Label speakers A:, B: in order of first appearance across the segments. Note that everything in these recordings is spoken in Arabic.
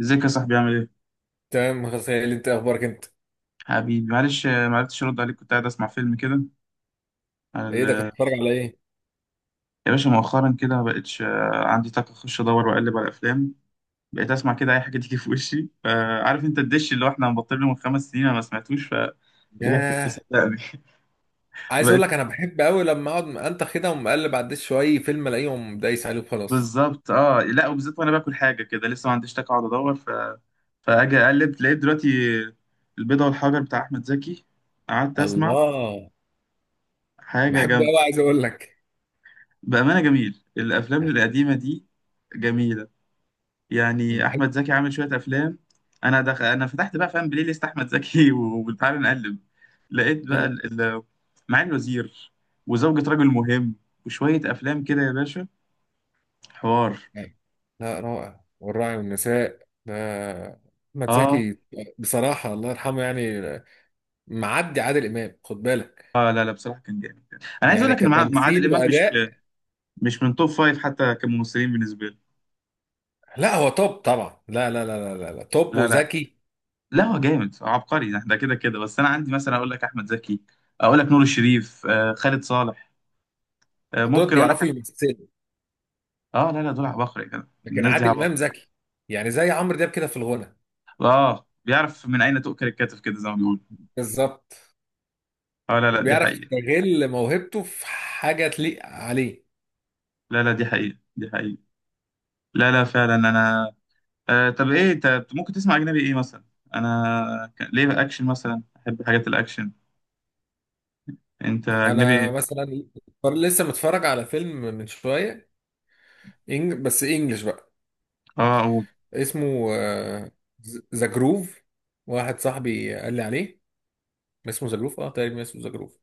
A: ازيك يا صاحبي عامل ايه؟
B: تمام غسيل، انت اخبارك انت؟
A: حبيبي معلش، ما عرفتش ارد عليك. كنت قاعد اسمع فيلم كده على
B: ايه ده، كنت بتتفرج على ايه؟
A: يا باشا. مؤخرا كده ما بقتش عندي طاقة اخش ادور واقلب على الافلام. بقيت اسمع كده اي حاجة تيجي في وشي. فعارف انت الدش اللي هو احنا مبطلينه من 5 سنين؟ انا ما سمعتوش، فرجعت له
B: ياه.
A: صدقني.
B: عايز اقول
A: بقيت
B: لك انا بحب قوي لما اقعد انت كده ومقلب على الدش شويه فيلم الاقيهم دايس عليه وخلاص.
A: بالظبط. اه، لا وبالذات وانا باكل حاجة كده لسه ما عنديش طاقة اقعد ادور فاجي اقلب لقيت دلوقتي البيضة والحجر بتاع احمد زكي. قعدت اسمع
B: الله،
A: حاجة
B: بحبه قوي
A: جامدة.
B: عايز اقول لك
A: بأمانة جميل الافلام القديمة دي، جميلة. يعني
B: بحب.
A: احمد زكي عامل شويه افلام. انا فتحت بقى، فاهم، بلاي ليست احمد زكي وتعالى نقلب. لقيت بقى
B: مم.
A: معالي الوزير، وزوجة رجل مهم، وشويه افلام كده يا باشا، حوار.
B: لا، رائع، والراعي والنساء ده احمد
A: اه،
B: زكي. بصراحه الله يرحمه يعني. معدي عادل امام، خد بالك.
A: اه لا لا، بصراحه كان جامد. انا عايز اقول
B: يعني
A: لك ان مع عادل
B: كتمثيل
A: امام مش،
B: واداء.
A: مش من توب فايف حتى كممثلين بالنسبه لي.
B: لا، هو توب طبعا، لا. توب
A: لا، لا.
B: وذكي.
A: لا هو جامد عبقري ده كده كده، بس انا عندي مثلا اقول لك احمد زكي، اقول لك نور الشريف، خالد صالح.
B: دول
A: ممكن اقول لك.
B: بيعرفوا يمثلوا.
A: اه لا لا، دول عباقرة كده،
B: لكن
A: الناس دي
B: عادل امام
A: عباقرة.
B: ذكي، يعني زي عمرو دياب كده في الغنى.
A: اه، بيعرف من اين تؤكل الكتف كده زي ما بيقولوا.
B: بالظبط.
A: اه لا لا، دي
B: وبيعرف
A: حقيقة.
B: يستغل موهبته في حاجه تليق عليه.
A: لا لا، دي حقيقة دي حقيقة. لا لا، فعلا انا. طب ايه انت ممكن تسمع اجنبي ايه مثلا؟ انا ليه بقى اكشن مثلا، احب حاجات الاكشن. انت اجنبي
B: انا
A: إيه؟
B: مثلا لسه متفرج على فيلم من شويه، بس انجلش بقى.
A: اه اقول.
B: اسمه ذا جروف. واحد صاحبي قال لي عليه، اسمه ذا جروف، اه تقريبا اسمه ذا جروف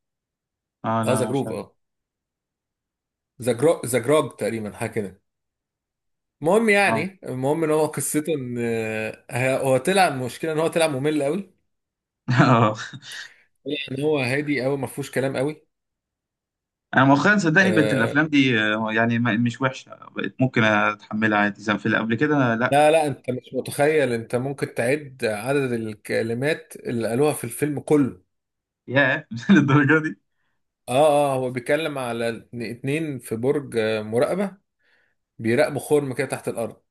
A: اه
B: اه. ذا
A: لا مش
B: جروف
A: عارف.
B: اه. ذا جروج تقريبا، حاجه كده.
A: اه
B: المهم ان هو قصته ان هو طلع، المشكله ان هو طلع ممل قوي.
A: اه.
B: يعني هو هادي قوي، ما فيهوش كلام قوي.
A: انا مؤخرا صدقني بقت
B: آه.
A: الافلام دي، يعني مش وحشة. بقت ممكن اتحملها عادي، زي في اللي قبل كده، لا.
B: لا لا، انت مش متخيل، انت ممكن تعد عدد الكلمات اللي قالوها في الفيلم كله.
A: ياه للدرجة دي.
B: اه اه. هو بيتكلم على اتنين في برج مراقبة. بيراقبوا خرم كده تحت الارض.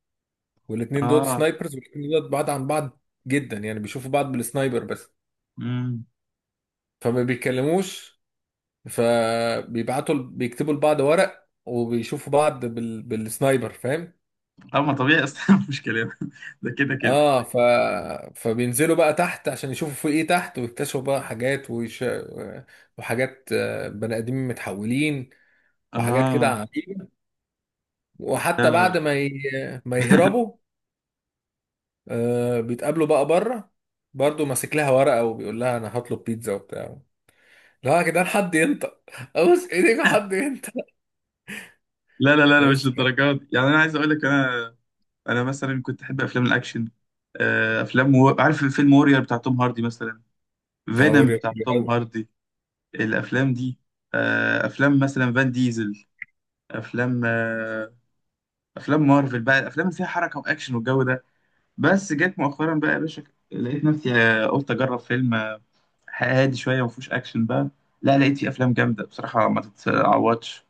B: والاتنين دول
A: اه.
B: سنايبرز، والاتنين دول بعاد عن بعض جدا. يعني بيشوفوا بعض بالسنايبر بس،
A: امم.
B: فما بيتكلموش. فبيبعتوا بيكتبوا لبعض ورق، وبيشوفوا بعض بالسنايبر، فاهم.
A: اه، ما طبيعي اصلا مش كلام ده، كده كده.
B: اه. فبينزلوا بقى تحت عشان يشوفوا في ايه تحت، ويكتشفوا بقى حاجات وحاجات، بني ادمين متحولين، وحاجات كده
A: اه.
B: عجيبة.
A: لا
B: وحتى بعد
A: لا
B: ما يهربوا، آه، بيتقابلوا بقى بره برضه، ماسك لها ورقة وبيقول لها انا هطلب بيتزا وبتاع. لا يا جدعان، حد ينطق، ابوس ايديك حد ينطق
A: لا لا لا لا، مش
B: بس.
A: للدرجات دي. يعني انا عايز اقول لك انا، انا مثلا كنت احب افلام الاكشن. افلام عارف فيلم وورير بتاع توم هاردي مثلا، فينوم
B: دوري
A: بتاع
B: حلو
A: توم
B: قوي.
A: هاردي، الافلام دي. افلام مثلا فان ديزل، افلام، افلام مارفل بقى، الافلام اللي فيها حركه واكشن والجو ده. بس جت مؤخرا بقى يا باشا، لقيت نفسي قلت اجرب فيلم هادي شويه ما فيهوش اكشن بقى. لا، لقيت فيه افلام جامده بصراحه ما تتعوضش.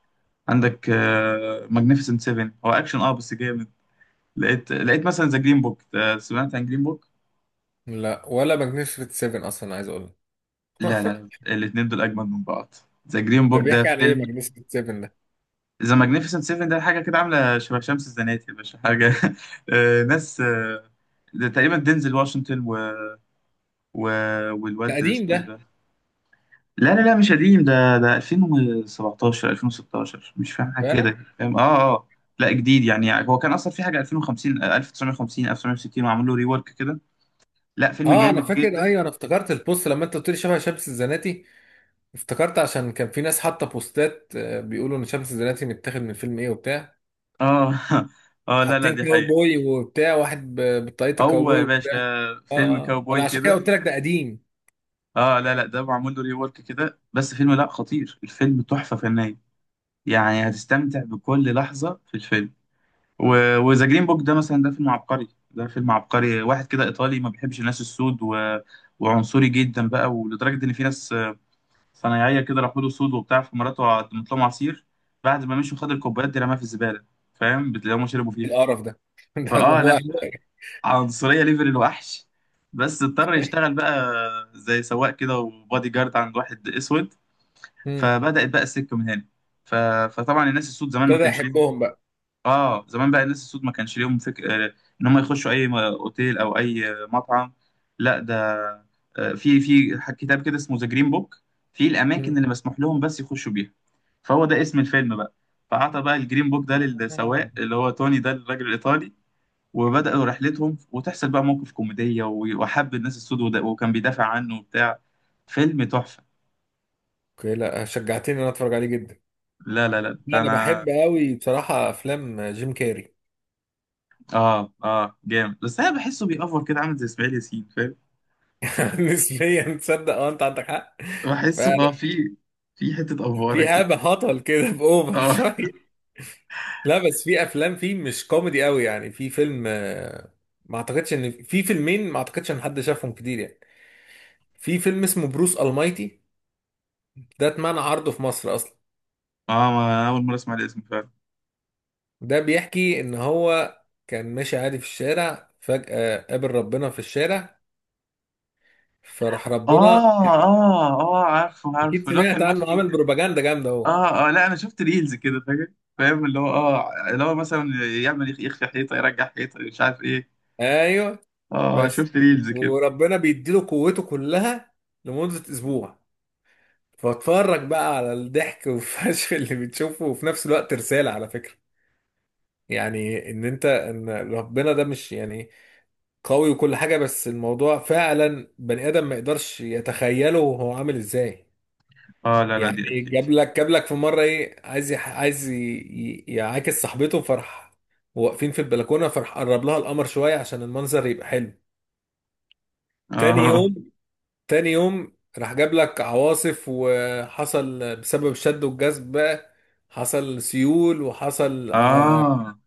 A: عندك ماجنيفيسنت 7، هو اكشن اه بس جامد. لقيت مثلا ذا جرين بوك. سمعت عن جرين بوك؟
B: لا، ولا ماجنيفيسنت 7 اصلا عايز اقول
A: لا
B: لك.
A: لا لا، الاثنين دول اجمد من بعض. ذا جرين
B: ده
A: بوك ده
B: بيحكي عن ايه
A: فيلم.
B: ماجنيفيسنت 7 ده؟
A: ذا ماجنيفيسنت 7 ده حاجه كده عامله شبه شمس الزناتي يا باشا. حاجه ناس، ده تقريبا دينزل واشنطن و...
B: ده
A: والواد
B: قديم
A: اسمه
B: ده؟
A: ايه ده. لا لا لا، مش قديم ده 2017 2016، مش فاهم حاجه
B: فعلا.
A: كده. فاهم، اه اه. لا جديد، يعني هو كان اصلا في حاجه 2050 1950 1960 وعملوا له ريورك كده. لا فيلم
B: اه انا
A: جامد
B: فاكر،
A: جدا.
B: ايوه انا افتكرت البوست لما انت قلت لي شبه شمس الزناتي. افتكرت عشان كان في ناس حاطه بوستات، بيقولوا ان شمس الزناتي متاخد من فيلم ايه وبتاع.
A: اه اه لا لا،
B: حاطين
A: دي حقيقة.
B: كاوبوي وبتاع، واحد بطاقية
A: او
B: الكاوبوي
A: يا
B: وبتاع.
A: باشا،
B: اه
A: فيلم
B: اه آه. انا
A: كاوبوي
B: عشان كده
A: كده.
B: قلت لك ده قديم.
A: اه لا لا، ده معمول له ريورك كده، بس فيلم لا، خطير. الفيلم تحفه فنيه، يعني هتستمتع بكل لحظه في الفيلم. و... وذا جرين بوك ده مثلا، ده فيلم عبقري، ده فيلم عبقري. واحد كده ايطالي ما بيحبش الناس السود، و... وعنصري جدا بقى. ولدرجه ان في ناس صنايعيه كده راحوا له، سود وبتاع، في مراته قدمت لهم عصير. بعد ما مشوا خد الكوبايات دي رماها في الزباله. فاهم؟ اللي هم شربوا
B: إيه
A: فيها.
B: القرف ده؟ ده ده
A: فاه
B: مو.
A: لا، عنصرية ليفل الوحش. بس اضطر يشتغل بقى زي سواق كده وبادي جارد عند واحد اسود.
B: مم.
A: فبدأت بقى السكة من هنا. ف... فطبعا الناس السود زمان ما
B: ابتدى
A: كانش ليهم،
B: يحبهم بقى.
A: اه، زمان بقى الناس السود ما كانش ليهم فك... آه، ان هم يخشوا اي اوتيل او اي مطعم. لا ده، في كتاب كده اسمه ذا جرين بوك، في الاماكن
B: مم.
A: اللي مسموح لهم بس يخشوا بيها. فهو ده اسم الفيلم بقى. فأعطى بقى الجرين بوك ده للسواق،
B: آه.
A: اللي هو توني ده الراجل الإيطالي. وبدأوا رحلتهم، وتحصل بقى موقف كوميدية، وحب الناس السود وكان بيدافع عنه وبتاع. فيلم تحفة.
B: اوكي، لا شجعتني ان انا اتفرج عليه جدا.
A: لا لا لا
B: لا،
A: ده
B: انا
A: انا.
B: بحب قوي بصراحه افلام جيم كاري.
A: اه اه جامد، بس انا بحسه بيأفور كده، عامل زي اسماعيل ياسين فاهم.
B: نسبيا، تصدق اه انت عندك حق.
A: بحسه اه،
B: فعلا.
A: في في حتة أفورة
B: في
A: كده.
B: هبه هطل كده، باوفر
A: اه
B: شويه. لا بس في افلام فيه مش كوميدي قوي. يعني في فيلم، ما اعتقدش ان في فيلمين ما اعتقدش ان حد شافهم كتير، يعني. في فيلم اسمه بروس المايتي. ده اتمنع عرضه في مصر اصلا.
A: اه، ما أول مرة أسمع الاسم فعلا.
B: ده بيحكي ان هو كان ماشي عادي في الشارع، فجأة قابل ربنا في الشارع. فراح
A: اه
B: ربنا،
A: اه اه عارفه
B: اكيد
A: عارفه، لو كان
B: سمعت عنه،
A: ماشي.
B: عامل بروباجندا جامده اهو.
A: اه اه لا، انا شفت ريلز كده فاهم. فاهم اللي هو اه، اللي هو مثلا يعمل يخفي حيطة يرجع حيطة، مش عارف ايه.
B: ايوه
A: اه
B: بس.
A: شفت ريلز كده.
B: وربنا بيديله قوته كلها لمدة اسبوع. فاتفرج بقى على الضحك والفشل اللي بتشوفه، وفي نفس الوقت رسالة على فكرة. يعني ان انت، ان ربنا ده مش يعني قوي وكل حاجة بس، الموضوع فعلا بني ادم ما يقدرش يتخيله هو عامل ازاي.
A: اه لا لا،
B: يعني
A: دي اكيد.
B: جاب لك في مرة ايه، عايز عايز يعاكس صاحبته فرح. واقفين في البلكونة فرح، قرب لها القمر شوية عشان المنظر يبقى حلو. تاني
A: اه
B: يوم، تاني يوم راح جاب لك عواصف، وحصل بسبب الشد والجذب بقى، حصل سيول وحصل آه.
A: اه،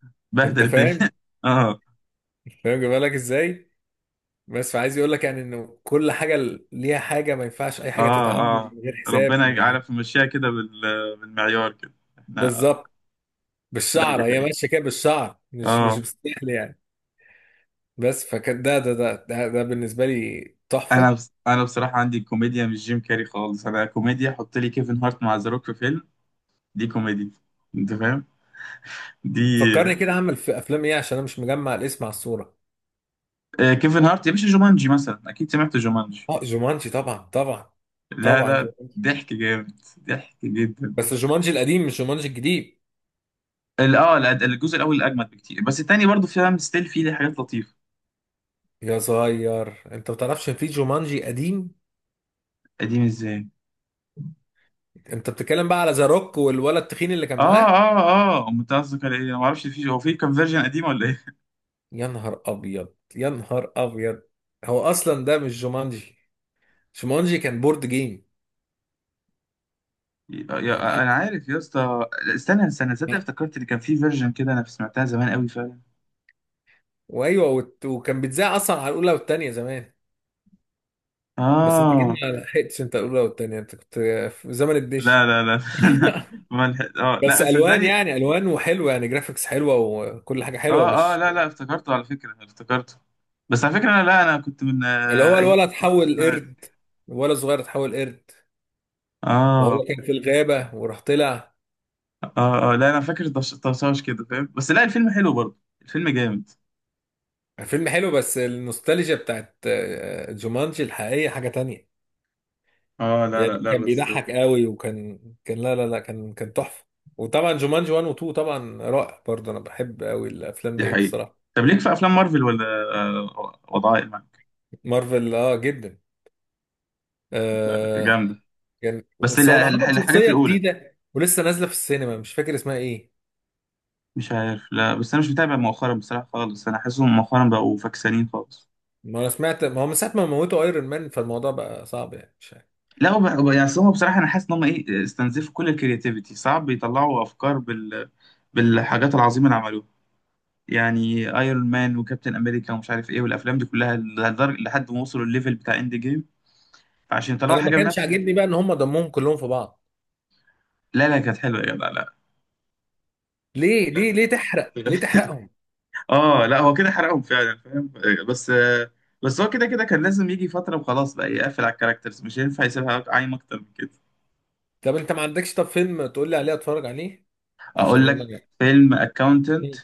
B: انت
A: بهدل الدنيا
B: فاهم،
A: اه
B: فاهم جايبها لك ازاي. بس، فعايز يقول لك يعني انه كل حاجه ليها حاجه، ما ينفعش اي حاجه
A: اه
B: تتعامل
A: اه،
B: من غير حساب
A: ربنا
B: ما ي-
A: يعرف يمشيها كده بالمعيار كده احنا.
B: بالظبط.
A: لا دي
B: بالشعر هي
A: حقيقة.
B: ماشيه كده، بالشعر مش
A: اه.
B: بالسحل يعني. بس فكان ده بالنسبه لي
A: انا
B: تحفه.
A: بس انا بصراحة عندي كوميديا مش جيم كاري خالص. انا كوميديا حط لي كيفن هارت مع ذا روك في فيلم، دي كوميديا. انت فاهم؟ دي
B: فكرني كده اعمل في افلام ايه، عشان انا مش مجمع الاسم على الصوره.
A: آه كيفن هارت يا باشا، جومانجي مثلا اكيد سمعت جومانجي.
B: اه جومانجي طبعا طبعا
A: لا
B: طبعا.
A: ده ضحك جامد، ضحك جدا.
B: بس جومانجي القديم مش جومانجي الجديد.
A: الجزء الاول اجمد بكتير، بس التاني برضه فيها ستيل، فيه حاجات لطيفة.
B: يا صغير، انت ما تعرفش ان في جومانجي قديم؟
A: قديم ازاي؟
B: انت بتتكلم بقى على ذا روك والولد التخين اللي كان
A: اه
B: معاه.
A: اه اه، امال انت قصدك على ايه؟ انا ما اعرفش. هو كان فيرجن قديم ولا ايه؟
B: يا نهار ابيض، يا نهار ابيض. هو اصلا ده مش جومانجي. جومانجي كان بورد جيم. يعني
A: انا
B: حتى،
A: عارف يا اسطى. لا، استنى استنى، صدق افتكرت اللي كان في فيرجن كده، انا سمعتها زمان قوي فعلا.
B: وايوه، وكان بيتذاع اصلا على الاولى والثانيه زمان. بس انت جيت
A: اه
B: ما لحقتش انت الاولى والثانيه، انت كنت في زمن
A: لا
B: الدش.
A: لا لا أنا ما لحق- اه لا
B: بس
A: بس
B: الوان،
A: صدقني.
B: يعني الوان وحلوه، يعني جرافيكس حلوه وكل حاجه حلوه،
A: اه اه،
B: مش.
A: لا لا، افتكرته على فكره، افتكرته. بس على فكره انا، لا انا كنت من
B: اللي هو
A: ايام
B: الولد اتحول
A: التلفزيون عادي.
B: قرد، الولد صغير اتحول قرد وهو
A: اه
B: كان في الغابة وراح طلع.
A: اه اه لا، انا فاكر طشاش كده فاهم، بس لا الفيلم حلو برضه، الفيلم جامد.
B: فيلم حلو، بس النوستالجيا بتاعت جومانجي الحقيقية حاجة تانية.
A: اه لا لا
B: يعني
A: لا
B: كان
A: بس،
B: بيضحك قوي، وكان كان، لا لا لا كان كان تحفة. وطبعا جومانجي 1 و 2 طبعا رائع برضه. انا بحب قوي الافلام
A: دي
B: ديت
A: حقيقة.
B: الصراحة.
A: طب ليك في افلام مارفل؟ ولا وضعها ايه معاك؟
B: مارفل اه جدا.
A: لا
B: آه.
A: جامدة.
B: كان
A: بس
B: بس هو عمل
A: الحاجات
B: شخصية
A: الاولى،
B: جديدة ولسه نازلة في السينما، مش فاكر اسمها ايه.
A: مش عارف، لا بس انا مش متابع مؤخرا بصراحة خالص. انا حاسسهم مؤخرا بقوا فكسانين خالص.
B: ما انا سمعت، ما هو من ساعة ما موتوا ايرون مان فالموضوع بقى صعب يعني.
A: لا يعني أصل هم بصراحة انا حاسس ان هم ايه، استنزفوا كل الكرياتيفيتي. صعب يطلعوا افكار بالحاجات العظيمة اللي عملوها. يعني ايرون مان وكابتن امريكا ومش عارف ايه، والافلام دي كلها لحد ما وصلوا الليفل بتاع اند جيم. فعشان يطلعوا
B: انا ما
A: حاجة
B: كانش
A: بنفس
B: عاجبني بقى ان هم دمهم كلهم في بعض.
A: لا لا كانت حلوة يا جدع، لا.
B: ليه
A: لا
B: ليه ليه
A: لا
B: تحرق،
A: لا
B: ليه
A: لا.
B: تحرقهم؟
A: اه لا، هو كده حرقهم فعلا فاهم، بس هو كده كده كان لازم يجي فترة وخلاص بقى، يقفل على الكاركترز، مش هينفع يسيبها عايم اكتر من كده.
B: طب انت ما عندكش طب فيلم تقول لي عليه اتفرج عليه عشان
A: اقول
B: انا.
A: لك، فيلم اكاونتنت.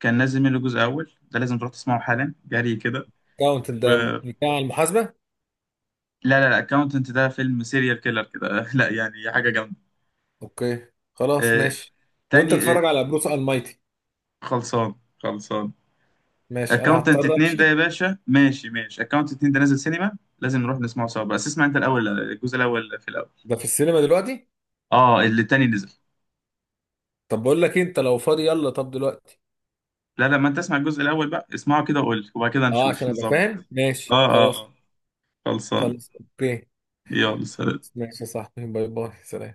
A: كان نازل منه جزء اول، ده لازم تروح تسمعه حالا، جري كده.
B: كاونت
A: و،
B: ده بتاع المحاسبه؟
A: لا لا لا، اكاونتنت ده فيلم سيريال كيلر كده لا يعني حاجة جامدة.
B: اوكي، خلاص
A: آه،
B: ماشي. وانت
A: تاني
B: اتفرج على بروس المايتي.
A: خلصان، خلصان.
B: ماشي، انا
A: اكاونتنت
B: هضطر
A: اتنين ده
B: امشي.
A: يا باشا، ماشي ماشي. اكاونتنت 2 ده نازل سينما، لازم نروح نسمعه سوا، بس اسمع انت الاول الجزء الاول في الاول.
B: ده في السينما دلوقتي؟
A: اه اللي التاني نزل.
B: طب بقول لك إيه، انت لو فاضي يلا طب دلوقتي.
A: لا، لما انت تسمع الجزء الاول بقى اسمعه كده وقول لي، وبعد كده
B: اه
A: نشوف
B: عشان ابقى
A: نظبط.
B: فاهم، ماشي
A: اه اه
B: خلاص.
A: اه، خلصان.
B: خلاص اوكي.
A: يلا سلام.
B: ماشي يا صاحبي، باي باي، سلام.